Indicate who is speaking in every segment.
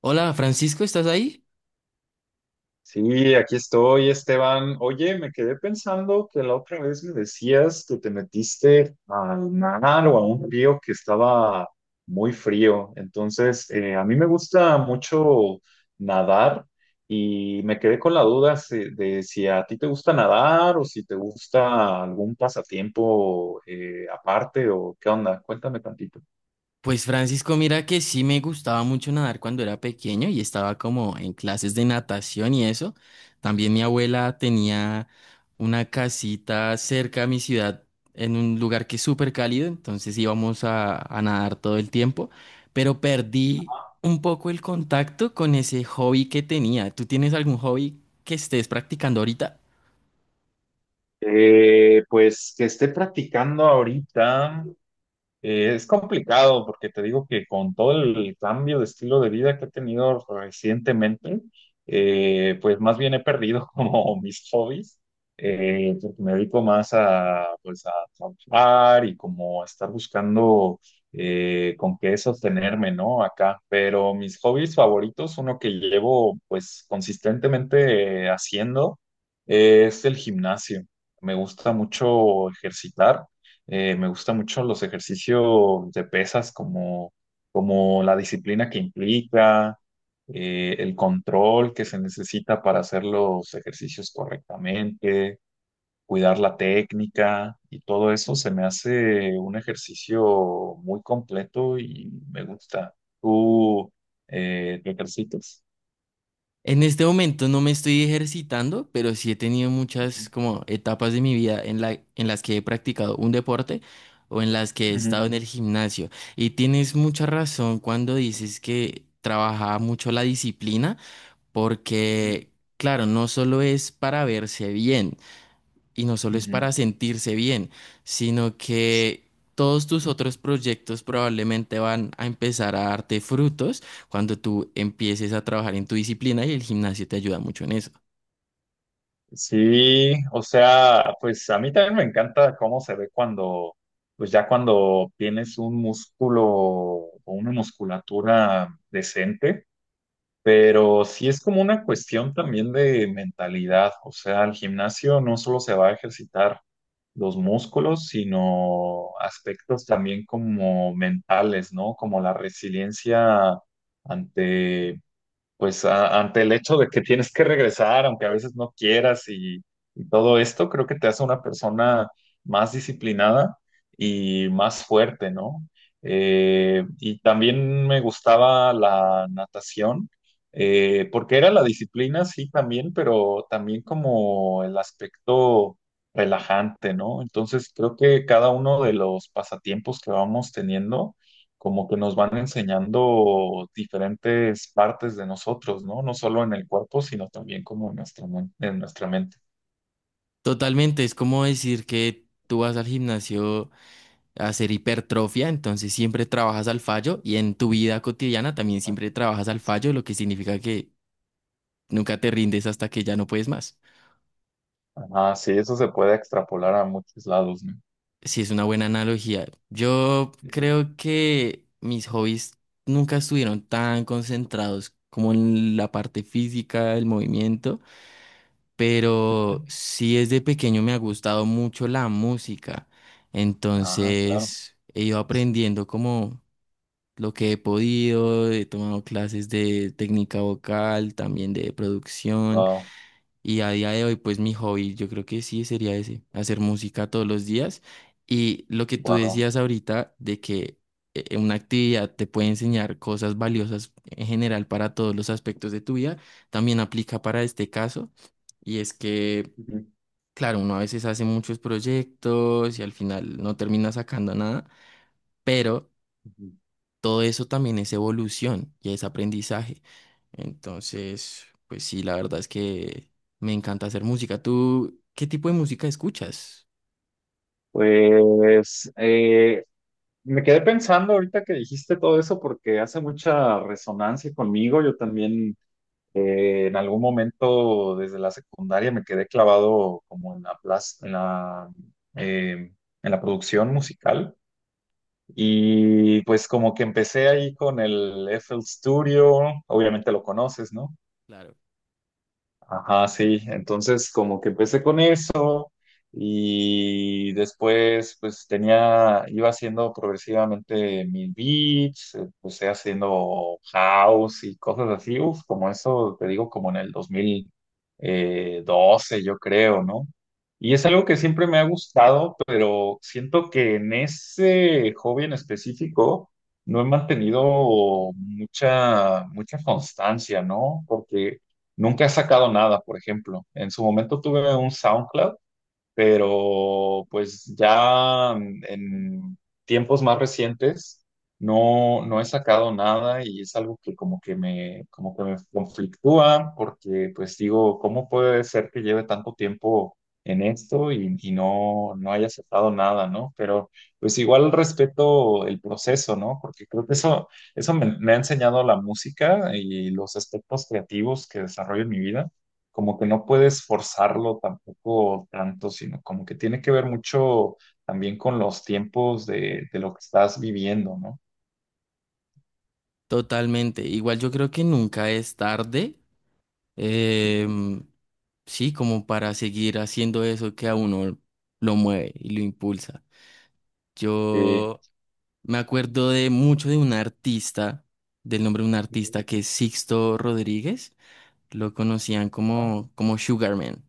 Speaker 1: Hola, Francisco, ¿estás ahí?
Speaker 2: Sí, aquí estoy, Esteban. Oye, me quedé pensando que la otra vez me decías que te metiste al mar o a un río que estaba muy frío. Entonces, a mí me gusta mucho nadar y me quedé con la duda de si a ti te gusta nadar o si te gusta algún pasatiempo aparte o qué onda. Cuéntame tantito.
Speaker 1: Pues Francisco, mira que sí me gustaba mucho nadar cuando era pequeño y estaba como en clases de natación y eso. También mi abuela tenía una casita cerca a mi ciudad en un lugar que es súper cálido, entonces íbamos a nadar todo el tiempo, pero perdí un poco el contacto con ese hobby que tenía. ¿Tú tienes algún hobby que estés practicando ahorita?
Speaker 2: Pues que esté practicando ahorita. Es complicado porque te digo que con todo el cambio de estilo de vida que he tenido recientemente, pues más bien he perdido como mis hobbies, porque me dedico más pues a trabajar y como a estar buscando con qué sostenerme, ¿no? Acá, pero mis hobbies favoritos, uno que llevo pues consistentemente haciendo, es el gimnasio. Me gusta mucho ejercitar. Me gusta mucho los ejercicios de pesas como la disciplina que implica, el control que se necesita para hacer los ejercicios correctamente, cuidar la técnica y todo eso se me hace un ejercicio muy completo y me gusta. ¿Tú te ejercitas?
Speaker 1: En este momento no me estoy ejercitando, pero sí he tenido muchas
Speaker 2: Ujú,
Speaker 1: como etapas de mi vida en las que he practicado un deporte o en las que he estado en el gimnasio. Y tienes mucha razón cuando dices que trabajaba mucho la disciplina,
Speaker 2: ujú,
Speaker 1: porque claro, no solo es para verse bien. Y no solo
Speaker 2: ujú,
Speaker 1: es
Speaker 2: ujú.
Speaker 1: para sentirse bien, sino que todos tus otros proyectos probablemente van a empezar a darte frutos cuando tú empieces a trabajar en tu disciplina y el gimnasio te ayuda mucho en eso.
Speaker 2: Sí, o sea, pues a mí también me encanta cómo se ve cuando pues ya cuando tienes un músculo o una musculatura decente, pero sí es como una cuestión también de mentalidad, o sea, al gimnasio no solo se va a ejercitar los músculos, sino aspectos también como mentales, ¿no? Como la resiliencia ante ante el hecho de que tienes que regresar, aunque a veces no quieras y todo esto, creo que te hace una persona más disciplinada y más fuerte, ¿no? Y también me gustaba la natación, porque era la disciplina, sí, también, pero también como el aspecto relajante, ¿no? Entonces creo que cada uno de los pasatiempos que vamos teniendo como que nos van enseñando diferentes partes de nosotros, ¿no? No solo en el cuerpo, sino también como en en nuestra mente.
Speaker 1: Totalmente, es como decir que tú vas al gimnasio a hacer hipertrofia, entonces siempre trabajas al fallo y en tu vida cotidiana también siempre trabajas al fallo, lo que significa que nunca te rindes hasta que ya no puedes más.
Speaker 2: Ah, sí, eso se puede extrapolar a muchos lados, ¿no?
Speaker 1: Sí, es una buena analogía. Yo creo que mis hobbies nunca estuvieron tan concentrados como en la parte física, el movimiento, pero sí desde pequeño me ha gustado mucho la música.
Speaker 2: Ah, claro.
Speaker 1: Entonces he ido aprendiendo como lo que he podido, he tomado clases de técnica vocal, también de producción.
Speaker 2: Wow,
Speaker 1: Y a día de hoy, pues mi hobby, yo creo que sí sería ese, hacer música todos los días. Y lo que tú
Speaker 2: wow.
Speaker 1: decías ahorita de que una actividad te puede enseñar cosas valiosas en general para todos los aspectos de tu vida, también aplica para este caso. Y es que,
Speaker 2: Ujú,
Speaker 1: claro, uno a veces hace muchos proyectos y al final no termina sacando nada, pero
Speaker 2: ujú.
Speaker 1: todo eso también es evolución y es aprendizaje. Entonces, pues sí, la verdad es que me encanta hacer música. ¿Tú qué tipo de música escuchas?
Speaker 2: Pues me quedé pensando ahorita que dijiste todo eso porque hace mucha resonancia conmigo. Yo también. En algún momento desde la secundaria me quedé clavado como en la plaza, eh, en la producción musical y pues como que empecé ahí con el FL Studio, obviamente lo conoces, ¿no?
Speaker 1: Claro.
Speaker 2: Ajá, sí. Entonces, como que empecé con eso y después, iba haciendo progresivamente mis beats, empecé haciendo house y cosas así, uf, como eso, te digo, como en el dos mil doce yo creo, ¿no? Y es algo que siempre me ha gustado, pero siento que en ese hobby en específico no he mantenido mucha constancia, ¿no? Porque nunca he sacado nada, por ejemplo. En su momento tuve un SoundCloud, pero pues ya en tiempos más recientes no he sacado nada y es algo que como que me conflictúa porque pues digo, ¿cómo puede ser que lleve tanto tiempo en esto y no haya sacado nada, ¿no? Pero pues igual respeto el proceso, ¿no? Porque creo que me ha enseñado la música y los aspectos creativos que desarrollo en mi vida como que no puedes forzarlo tampoco tanto, sino como que tiene que ver mucho también con los tiempos de lo que estás viviendo, ¿no?
Speaker 1: Totalmente. Igual yo creo que nunca es tarde. em, sí, como para seguir haciendo eso que a uno lo mueve y lo impulsa.
Speaker 2: Sí.
Speaker 1: Yo me acuerdo de mucho de un artista, del nombre de un
Speaker 2: Ujú.
Speaker 1: artista que es Sixto Rodríguez. Lo conocían
Speaker 2: Ajá.
Speaker 1: como, como Sugarman.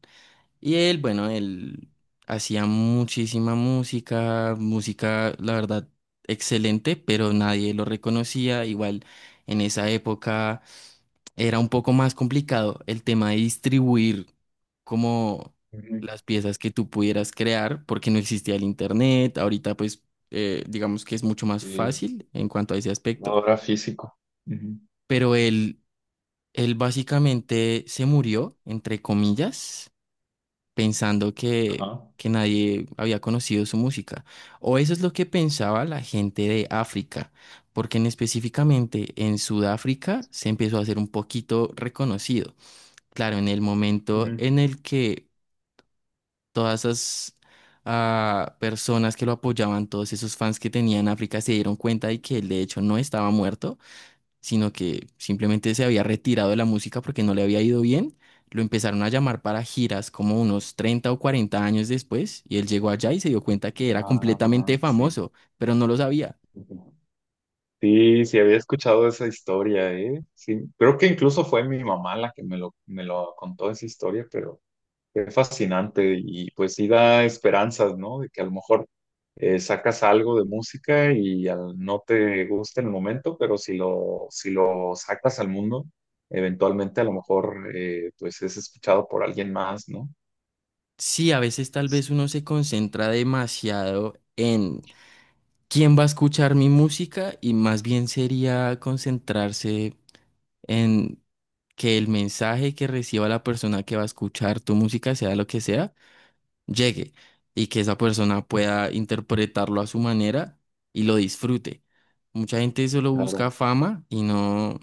Speaker 1: Y él, bueno, él hacía muchísima música, música, la verdad, excelente, pero nadie lo reconocía. Igual en esa época era un poco más complicado el tema de distribuir como
Speaker 2: Ujú.
Speaker 1: las piezas que tú pudieras crear, porque no existía el internet. Ahorita, pues, digamos que es mucho más
Speaker 2: Sí.
Speaker 1: fácil en cuanto a ese aspecto,
Speaker 2: La físico. Ujú.
Speaker 1: pero él básicamente se murió, entre comillas pensando
Speaker 2: Ajá.
Speaker 1: que nadie había conocido su música. O eso es lo que pensaba la gente de África, porque en específicamente en Sudáfrica se empezó a hacer un poquito reconocido. Claro, en el momento
Speaker 2: Ujú.
Speaker 1: en el que todas esas personas que lo apoyaban, todos esos fans que tenían África, se dieron cuenta de que él de hecho no estaba muerto, sino que simplemente se había retirado de la música porque no le había ido bien. Lo empezaron a llamar para giras como unos 30 o 40 años después y él llegó allá y se dio cuenta que era
Speaker 2: Ah,
Speaker 1: completamente
Speaker 2: sí.
Speaker 1: famoso, pero no lo sabía.
Speaker 2: Ujú. Sí, sí, había escuchado esa historia, ¿eh? Sí, creo que incluso fue mi mamá la que me lo contó esa historia, pero qué fascinante y pues sí da esperanzas, ¿no? De que a lo mejor sacas algo de música y no te gusta en el momento, pero si lo sacas al mundo, eventualmente a lo mejor pues es escuchado por alguien más, ¿no?
Speaker 1: Sí, a veces tal vez uno se concentra demasiado en quién va a escuchar mi música y más bien sería concentrarse en que el mensaje que reciba la persona que va a escuchar tu música, sea lo que sea, llegue y que esa persona pueda interpretarlo a su manera y lo disfrute. Mucha gente solo busca
Speaker 2: Claro.
Speaker 1: fama y no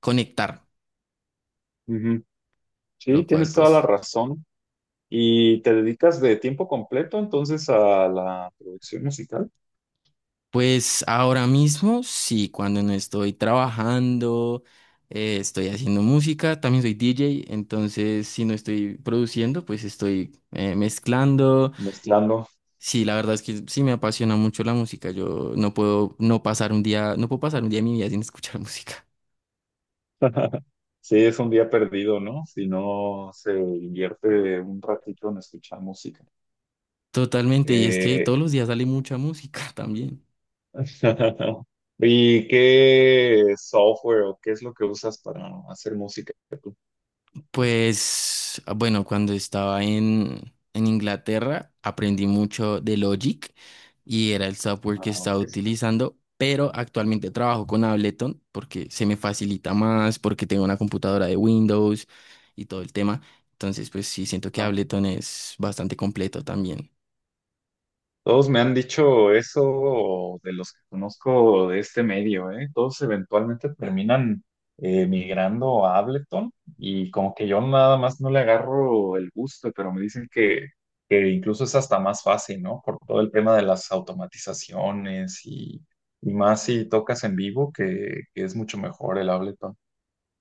Speaker 1: conectar,
Speaker 2: Ujú. Sí,
Speaker 1: lo cual
Speaker 2: tienes toda la
Speaker 1: pues,
Speaker 2: razón. ¿Y te dedicas de tiempo completo entonces a la producción musical?
Speaker 1: pues ahora mismo sí, cuando no estoy trabajando, estoy haciendo música, también soy DJ, entonces si no estoy produciendo, pues estoy mezclando.
Speaker 2: Mezclando.
Speaker 1: Sí, la verdad es que sí me apasiona mucho la música. Yo no puedo no pasar un día, no puedo pasar un día de mi vida sin escuchar música.
Speaker 2: Sí, es un día perdido, ¿no? Si no se invierte un ratito en escuchar música.
Speaker 1: Totalmente, y es que
Speaker 2: Eh,
Speaker 1: todos los días sale mucha música también.
Speaker 2: ¿Y qué software o qué es lo que usas para hacer música tú?
Speaker 1: Pues bueno, cuando estaba en Inglaterra aprendí mucho de Logic y era el software que
Speaker 2: Ah,
Speaker 1: estaba
Speaker 2: ok.
Speaker 1: utilizando, pero actualmente trabajo con Ableton porque se me facilita más, porque tengo una computadora de Windows y todo el tema. Entonces, pues sí, siento que
Speaker 2: Ajá.
Speaker 1: Ableton es bastante completo también.
Speaker 2: Todos me han dicho eso de los que conozco de este medio, ¿eh? Todos eventualmente terminan migrando a Ableton y como que yo nada más no le agarro el gusto, pero me dicen que incluso es hasta más fácil, ¿no? Por todo el tema de las automatizaciones y más si tocas en vivo, que es mucho mejor el Ableton.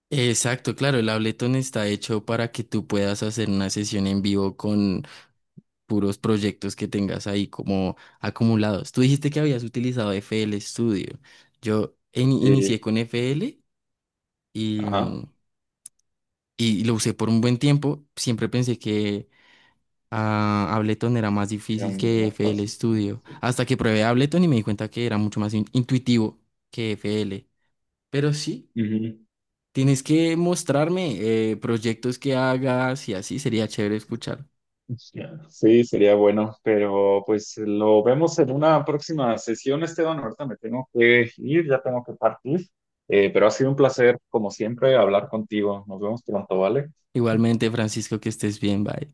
Speaker 1: Exacto, claro, el Ableton está hecho para que tú puedas hacer una sesión en vivo con puros proyectos que tengas ahí como acumulados. Tú dijiste que habías utilizado FL Studio. Yo inicié
Speaker 2: Sí,
Speaker 1: con FL y,
Speaker 2: ajá,
Speaker 1: y lo usé por un buen tiempo. Siempre pensé que Ableton era más
Speaker 2: era
Speaker 1: difícil
Speaker 2: lo
Speaker 1: que
Speaker 2: más
Speaker 1: F L
Speaker 2: fácil. Ajá,
Speaker 1: Studio.
Speaker 2: sí.
Speaker 1: Hasta que probé Ableton y me di cuenta que era mucho más intuitivo que FL. Pero sí,
Speaker 2: Ujú.
Speaker 1: tienes que mostrarme proyectos que hagas y así sería chévere escuchar.
Speaker 2: Ya, sí, sería bueno, pero pues lo vemos en una próxima sesión, Esteban. Ahorita me tengo que ir, ya tengo que partir. Pero ha sido un placer, como siempre, hablar contigo. Nos vemos pronto, ¿vale?
Speaker 1: Igualmente, Francisco, que estés bien, bye.